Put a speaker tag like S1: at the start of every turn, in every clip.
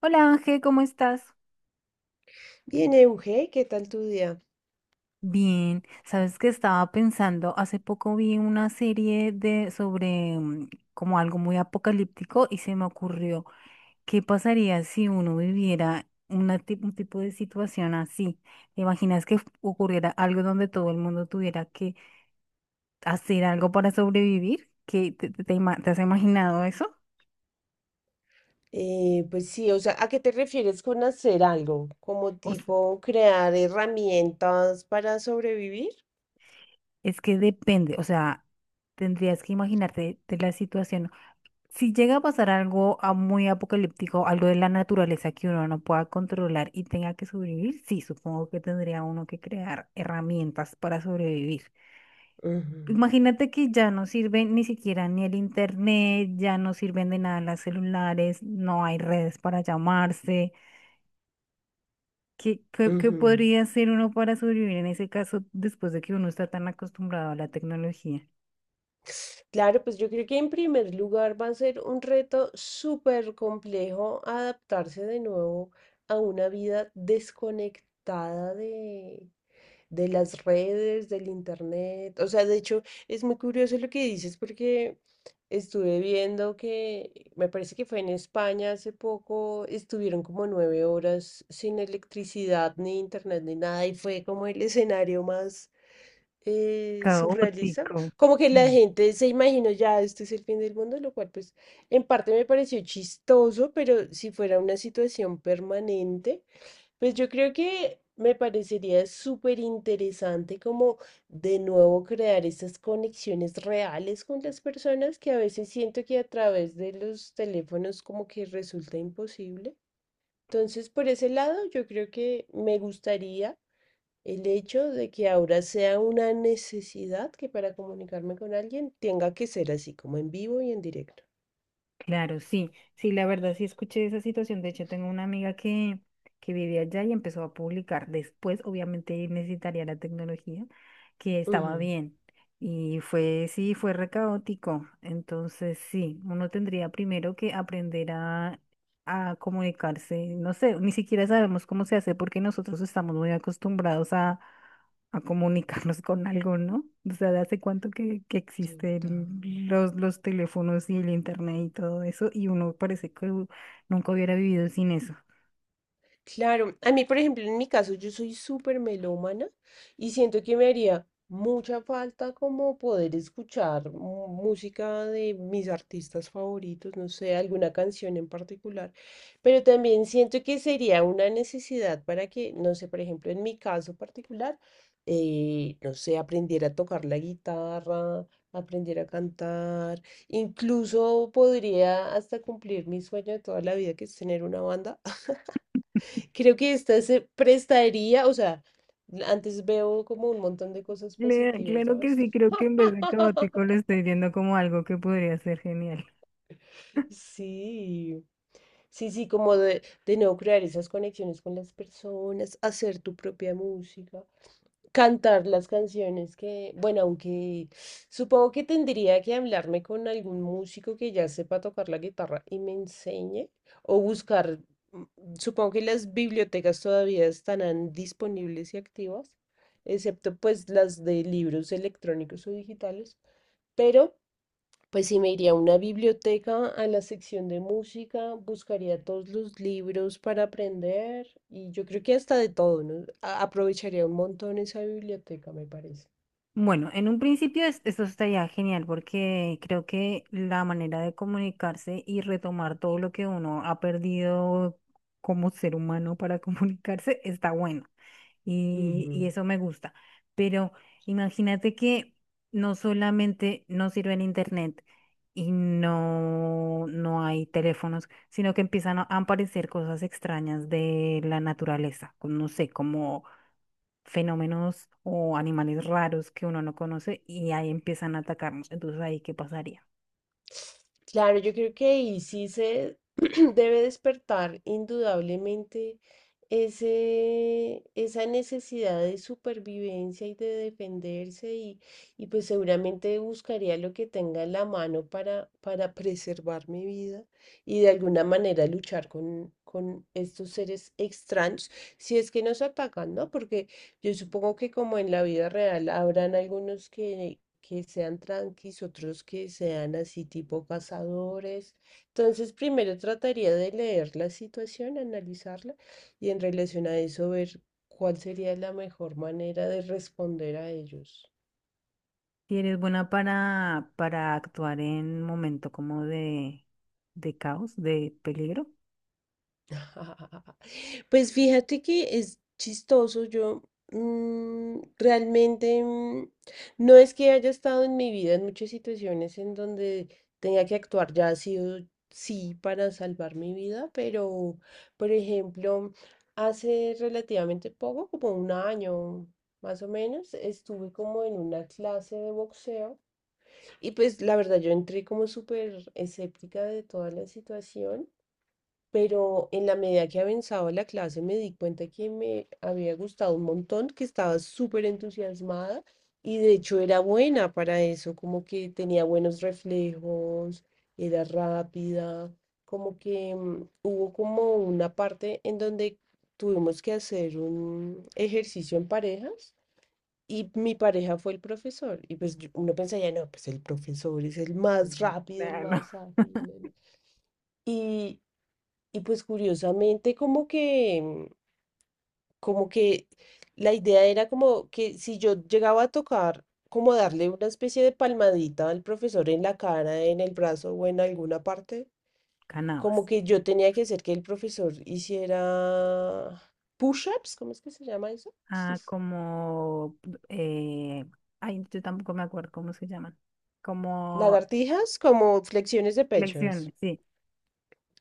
S1: Hola Ángel, ¿cómo estás?
S2: Bien, Euge, ¿qué tal tu día?
S1: Bien, sabes que estaba pensando, hace poco vi una serie de sobre como algo muy apocalíptico y se me ocurrió, ¿qué pasaría si uno viviera un tipo de situación así? ¿Te imaginas que ocurriera algo donde todo el mundo tuviera que hacer algo para sobrevivir? ¿Qué te has imaginado eso?
S2: Pues sí, o sea, ¿a qué te refieres con hacer algo? ¿Como
S1: O s-
S2: tipo crear herramientas para sobrevivir?
S1: es que depende, o sea, tendrías que imaginarte de la situación. Si llega a pasar algo muy apocalíptico, algo de la naturaleza que uno no pueda controlar y tenga que sobrevivir, sí, supongo que tendría uno que crear herramientas para sobrevivir.
S2: Ujú,
S1: Imagínate que ya no sirve ni siquiera ni el internet, ya no sirven de nada las celulares, no hay redes para llamarse. Qué
S2: ujú.
S1: podría hacer uno para sobrevivir en ese caso después de que uno está tan acostumbrado a la tecnología?
S2: Claro, pues yo creo que en primer lugar va a ser un reto súper complejo adaptarse de nuevo a una vida desconectada de las redes, del internet. O sea, de hecho, es muy curioso lo que dices porque estuve viendo que, me parece que fue en España hace poco, estuvieron como 9 horas sin electricidad, ni internet, ni nada, y fue como el escenario más surrealista.
S1: Caótico.
S2: Como que la gente se imaginó ya, este es el fin del mundo, lo cual pues en parte me pareció chistoso, pero si fuera una situación permanente. Pues yo creo que me parecería súper interesante como de nuevo crear esas conexiones reales con las personas que a veces siento que a través de los teléfonos como que resulta imposible. Entonces, por ese lado, yo creo que me gustaría el hecho de que ahora sea una necesidad que para comunicarme con alguien tenga que ser así, como en vivo y en directo.
S1: Claro, sí, sí, la verdad sí escuché esa situación. De hecho, tengo una amiga que vive allá y empezó a publicar. Después, obviamente, necesitaría la tecnología, que estaba
S2: Ujú.
S1: bien. Y fue, sí, fue re caótico. Entonces, sí, uno tendría primero que aprender a comunicarse. No sé, ni siquiera sabemos cómo se hace porque nosotros estamos muy acostumbrados a comunicarnos con algo, ¿no? O sea, ¿de hace cuánto que
S2: Total.
S1: existen los teléfonos y el internet y todo eso? Y uno parece nunca hubiera vivido sin eso.
S2: Claro, a mí, por ejemplo, en mi caso, yo soy súper melómana y siento que me haría mucha falta como poder escuchar música de mis artistas favoritos, no sé, alguna canción en particular, pero también siento que sería una necesidad para que, no sé, por ejemplo, en mi caso particular, no sé, aprender a tocar la guitarra, aprender a cantar, incluso podría hasta cumplir mi sueño de toda la vida, que es tener una banda. Creo que esta se prestaría, o sea, antes veo como un montón de cosas positivas,
S1: Claro que
S2: ¿sabes?
S1: sí, creo que en vez de caótico lo estoy viendo como algo que podría ser genial.
S2: Sí, sí, sí, como de nuevo crear esas conexiones con las personas, hacer tu propia música. Cantar las canciones que, bueno, aunque supongo que tendría que hablarme con algún músico que ya sepa tocar la guitarra y me enseñe, o buscar. Supongo que las bibliotecas todavía estarán disponibles y activas, excepto pues las de libros electrónicos o digitales, pero pues sí, me iría a una biblioteca, a la sección de música, buscaría todos los libros para aprender y yo creo que hasta de todo, ¿no? Aprovecharía un montón esa biblioteca, me parece.
S1: Bueno, en un principio eso estaría genial porque creo que la manera de comunicarse y retomar todo lo que uno ha perdido como ser humano para comunicarse está bueno.
S2: Ujú.
S1: Y eso me gusta. Pero imagínate que no solamente no sirve el internet y no hay teléfonos, sino que empiezan a aparecer cosas extrañas de la naturaleza, como, no sé, como fenómenos o animales raros que uno no conoce y ahí empiezan a atacarnos. Entonces, ¿ahí qué pasaría?
S2: Claro, yo creo que ahí sí se debe despertar indudablemente esa necesidad de supervivencia y de defenderse y pues seguramente buscaría lo que tenga en la mano para preservar mi vida y de alguna manera luchar con estos seres extraños si es que nos atacan, ¿no? Porque yo supongo que como en la vida real habrán algunos que sean tranquis, otros que sean así tipo cazadores. Entonces, primero trataría de leer la situación, analizarla y en relación a eso ver cuál sería la mejor manera de responder a ellos.
S1: Si eres buena para actuar en momento como de caos, de peligro.
S2: Pues fíjate que es chistoso. Yo realmente no es que haya estado en mi vida en muchas situaciones en donde tenga que actuar, ya ha sido sí para salvar mi vida, pero por ejemplo, hace relativamente poco, como 1 año más o menos, estuve como en una clase de boxeo. Y pues la verdad, yo entré como súper escéptica de toda la situación, pero en la medida que avanzaba la clase me di cuenta que me había gustado un montón, que estaba súper entusiasmada y de hecho era buena para eso, como que tenía buenos reflejos, era rápida, como que hubo como una parte en donde tuvimos que hacer un ejercicio en parejas. Y mi pareja fue el profesor. Y pues uno pensaría, no, pues el profesor es el más
S1: Mm,
S2: rápido, el
S1: bueno,
S2: más ágil. Y, y pues curiosamente como que, como que la idea era como que si yo llegaba a tocar, como darle una especie de palmadita al profesor en la cara, en el brazo o en alguna parte, como
S1: ganabas.
S2: que yo tenía que hacer que el profesor hiciera push-ups, ¿cómo es que se llama eso?
S1: Ah, como, eh, ay, yo tampoco me acuerdo cómo se llaman. Como
S2: Lagartijas, como flexiones de pecho, eso.
S1: lecciones, sí,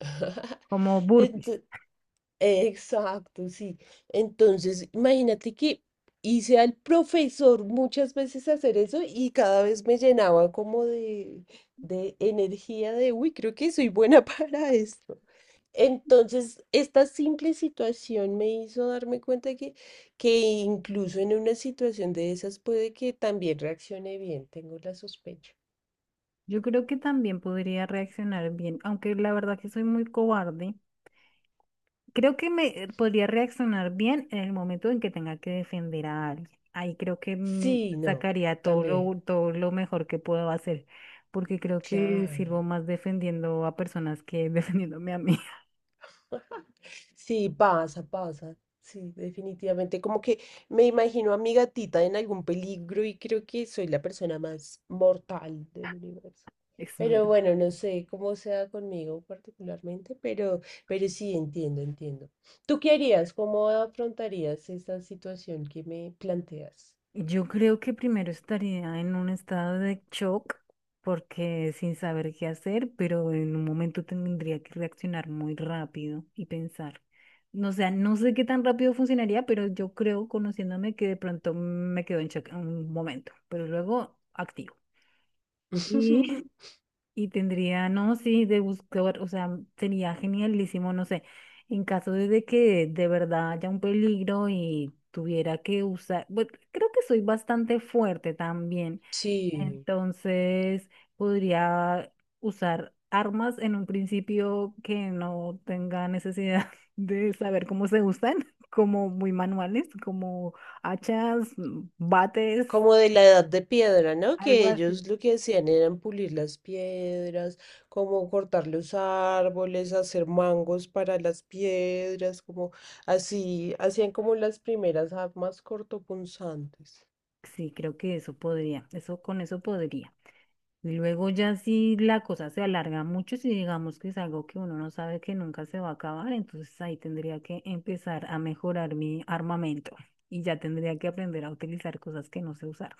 S1: como burpees.
S2: Ento- Exacto, sí. Entonces, imagínate que hice al profesor muchas veces hacer eso y cada vez me llenaba como de energía de, uy, creo que soy buena para esto. Entonces, esta simple situación me hizo darme cuenta que incluso en una situación de esas puede que también reaccione bien, tengo la sospecha.
S1: Yo creo que también podría reaccionar bien, aunque la verdad que soy muy cobarde. Creo que me podría reaccionar bien en el momento en que tenga que defender a alguien. Ahí creo que
S2: Sí, no,
S1: sacaría
S2: también,
S1: todo lo mejor que puedo hacer, porque creo que sirvo
S2: claro.
S1: más defendiendo a personas que defendiéndome a mí.
S2: Sí, pasa, pasa. Sí, definitivamente. Como que me imagino a mi gatita en algún peligro y creo que soy la persona más mortal del universo.
S1: Es
S2: Pero
S1: verdad.
S2: bueno, no sé cómo sea conmigo particularmente, pero sí entiendo, entiendo. ¿Tú qué harías? ¿Cómo afrontarías esa situación que me planteas?
S1: Yo creo que primero estaría en un estado de shock porque sin saber qué hacer, pero en un momento tendría que reaccionar muy rápido y pensar. No, o sea, no sé qué tan rápido funcionaría, pero yo creo, conociéndome, que de pronto me quedo en shock un momento, pero luego activo. Y y tendría, no, sí, de buscar, o sea, sería genialísimo, no sé, en caso de que de verdad haya un peligro y tuviera que usar, bueno, creo que soy bastante fuerte también,
S2: Sí.
S1: entonces podría usar armas en un principio que no tenga necesidad de saber cómo se usan, como muy manuales, como hachas, bates,
S2: Como de la edad de piedra, ¿no?
S1: algo
S2: Que
S1: así.
S2: ellos lo que hacían eran pulir las piedras, como cortar los árboles, hacer mangos para las piedras, como así, hacían como las primeras armas cortopunzantes.
S1: Sí, creo que eso podría, eso con eso podría. Y luego ya si la cosa se alarga mucho, si digamos que es algo que uno no sabe que nunca se va a acabar, entonces ahí tendría que empezar a mejorar mi armamento y ya tendría que aprender a utilizar cosas que no sé usar.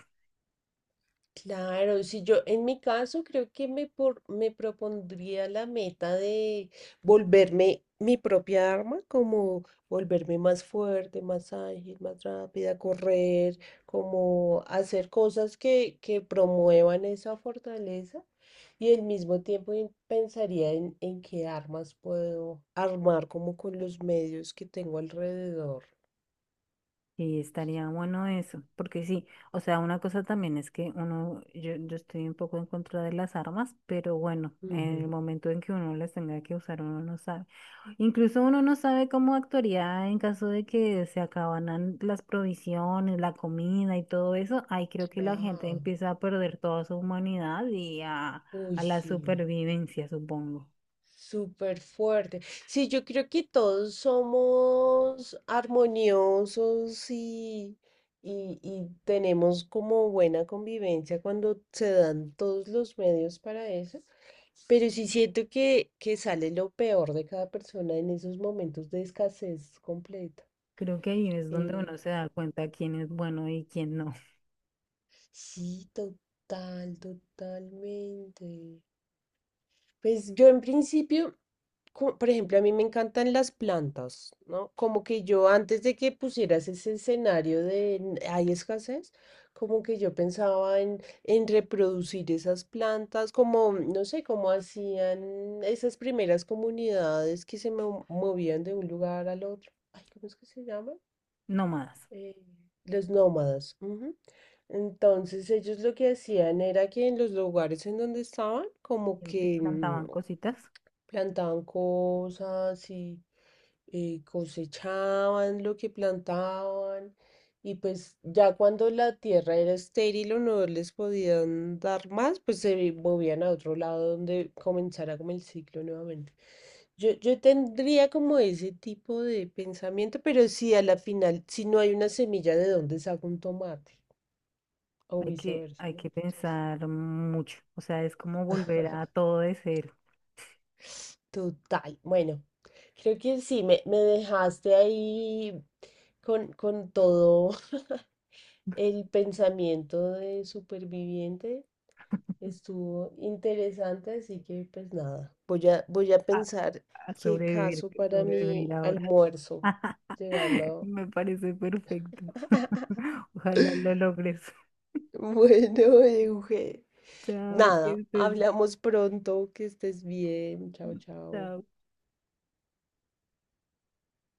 S2: Claro, si yo en mi caso creo que me propondría la meta de volverme mi propia arma, como volverme más fuerte, más ágil, más rápida, correr, como hacer cosas que promuevan esa fortaleza y al mismo tiempo pensaría en qué armas puedo armar como con los medios que tengo alrededor.
S1: Y estaría bueno eso, porque sí, o sea, una cosa también es que uno, yo estoy un poco en contra de las armas, pero bueno, en el
S2: Ujú.
S1: momento en que uno las tenga que usar, uno no sabe. Incluso uno no sabe cómo actuaría en caso de que se acabaran las provisiones, la comida y todo eso. Ahí creo que la gente
S2: Claro,
S1: empieza a perder toda su humanidad y
S2: uy,
S1: a la
S2: sí.
S1: supervivencia, supongo.
S2: Súper fuerte. Sí, yo creo que todos somos armoniosos y tenemos como buena convivencia cuando se dan todos los medios para eso. Pero sí siento que sale lo peor de cada persona en esos momentos de escasez completa.
S1: Creo que ahí es donde
S2: Eh,
S1: uno se da cuenta quién es bueno y quién no.
S2: sí, total, totalmente. Pues yo en principio, por ejemplo, a mí me encantan las plantas, ¿no? Como que yo antes de que pusieras ese escenario de hay escasez, como que yo pensaba en reproducir esas plantas, como, no sé, como hacían esas primeras comunidades que movían de un lugar al otro. Ay, ¿cómo es que se llama?
S1: No más.
S2: Eh, los nómadas. Ujú. Entonces ellos lo que hacían era que en los lugares en donde estaban, como
S1: Siempre
S2: que
S1: plantaban cositas.
S2: plantaban cosas y cosechaban lo que plantaban y pues ya cuando la tierra era estéril o no les podían dar más, pues se movían a otro lado donde comenzara como el ciclo nuevamente. Yo tendría como ese tipo de pensamiento, pero si a la final, si no hay una semilla, ¿de dónde saco un tomate? O viceversa,
S1: Hay
S2: ¿no?
S1: que
S2: Entonces,
S1: pensar mucho. O sea, es como volver a todo de cero,
S2: total. Bueno, creo que sí, me dejaste ahí con todo el pensamiento de superviviente. Estuvo interesante, así que pues nada, voy a, voy a
S1: a,
S2: pensar
S1: a
S2: qué
S1: sobrevivir,
S2: caso para
S1: sobrevivir
S2: mi
S1: ahora.
S2: almuerzo llegando.
S1: Me parece perfecto. Ojalá lo logres.
S2: Bueno, Euge.
S1: Chao, que
S2: Nada,
S1: estés.
S2: hablamos pronto, que estés bien. Chao, chao.
S1: Chao.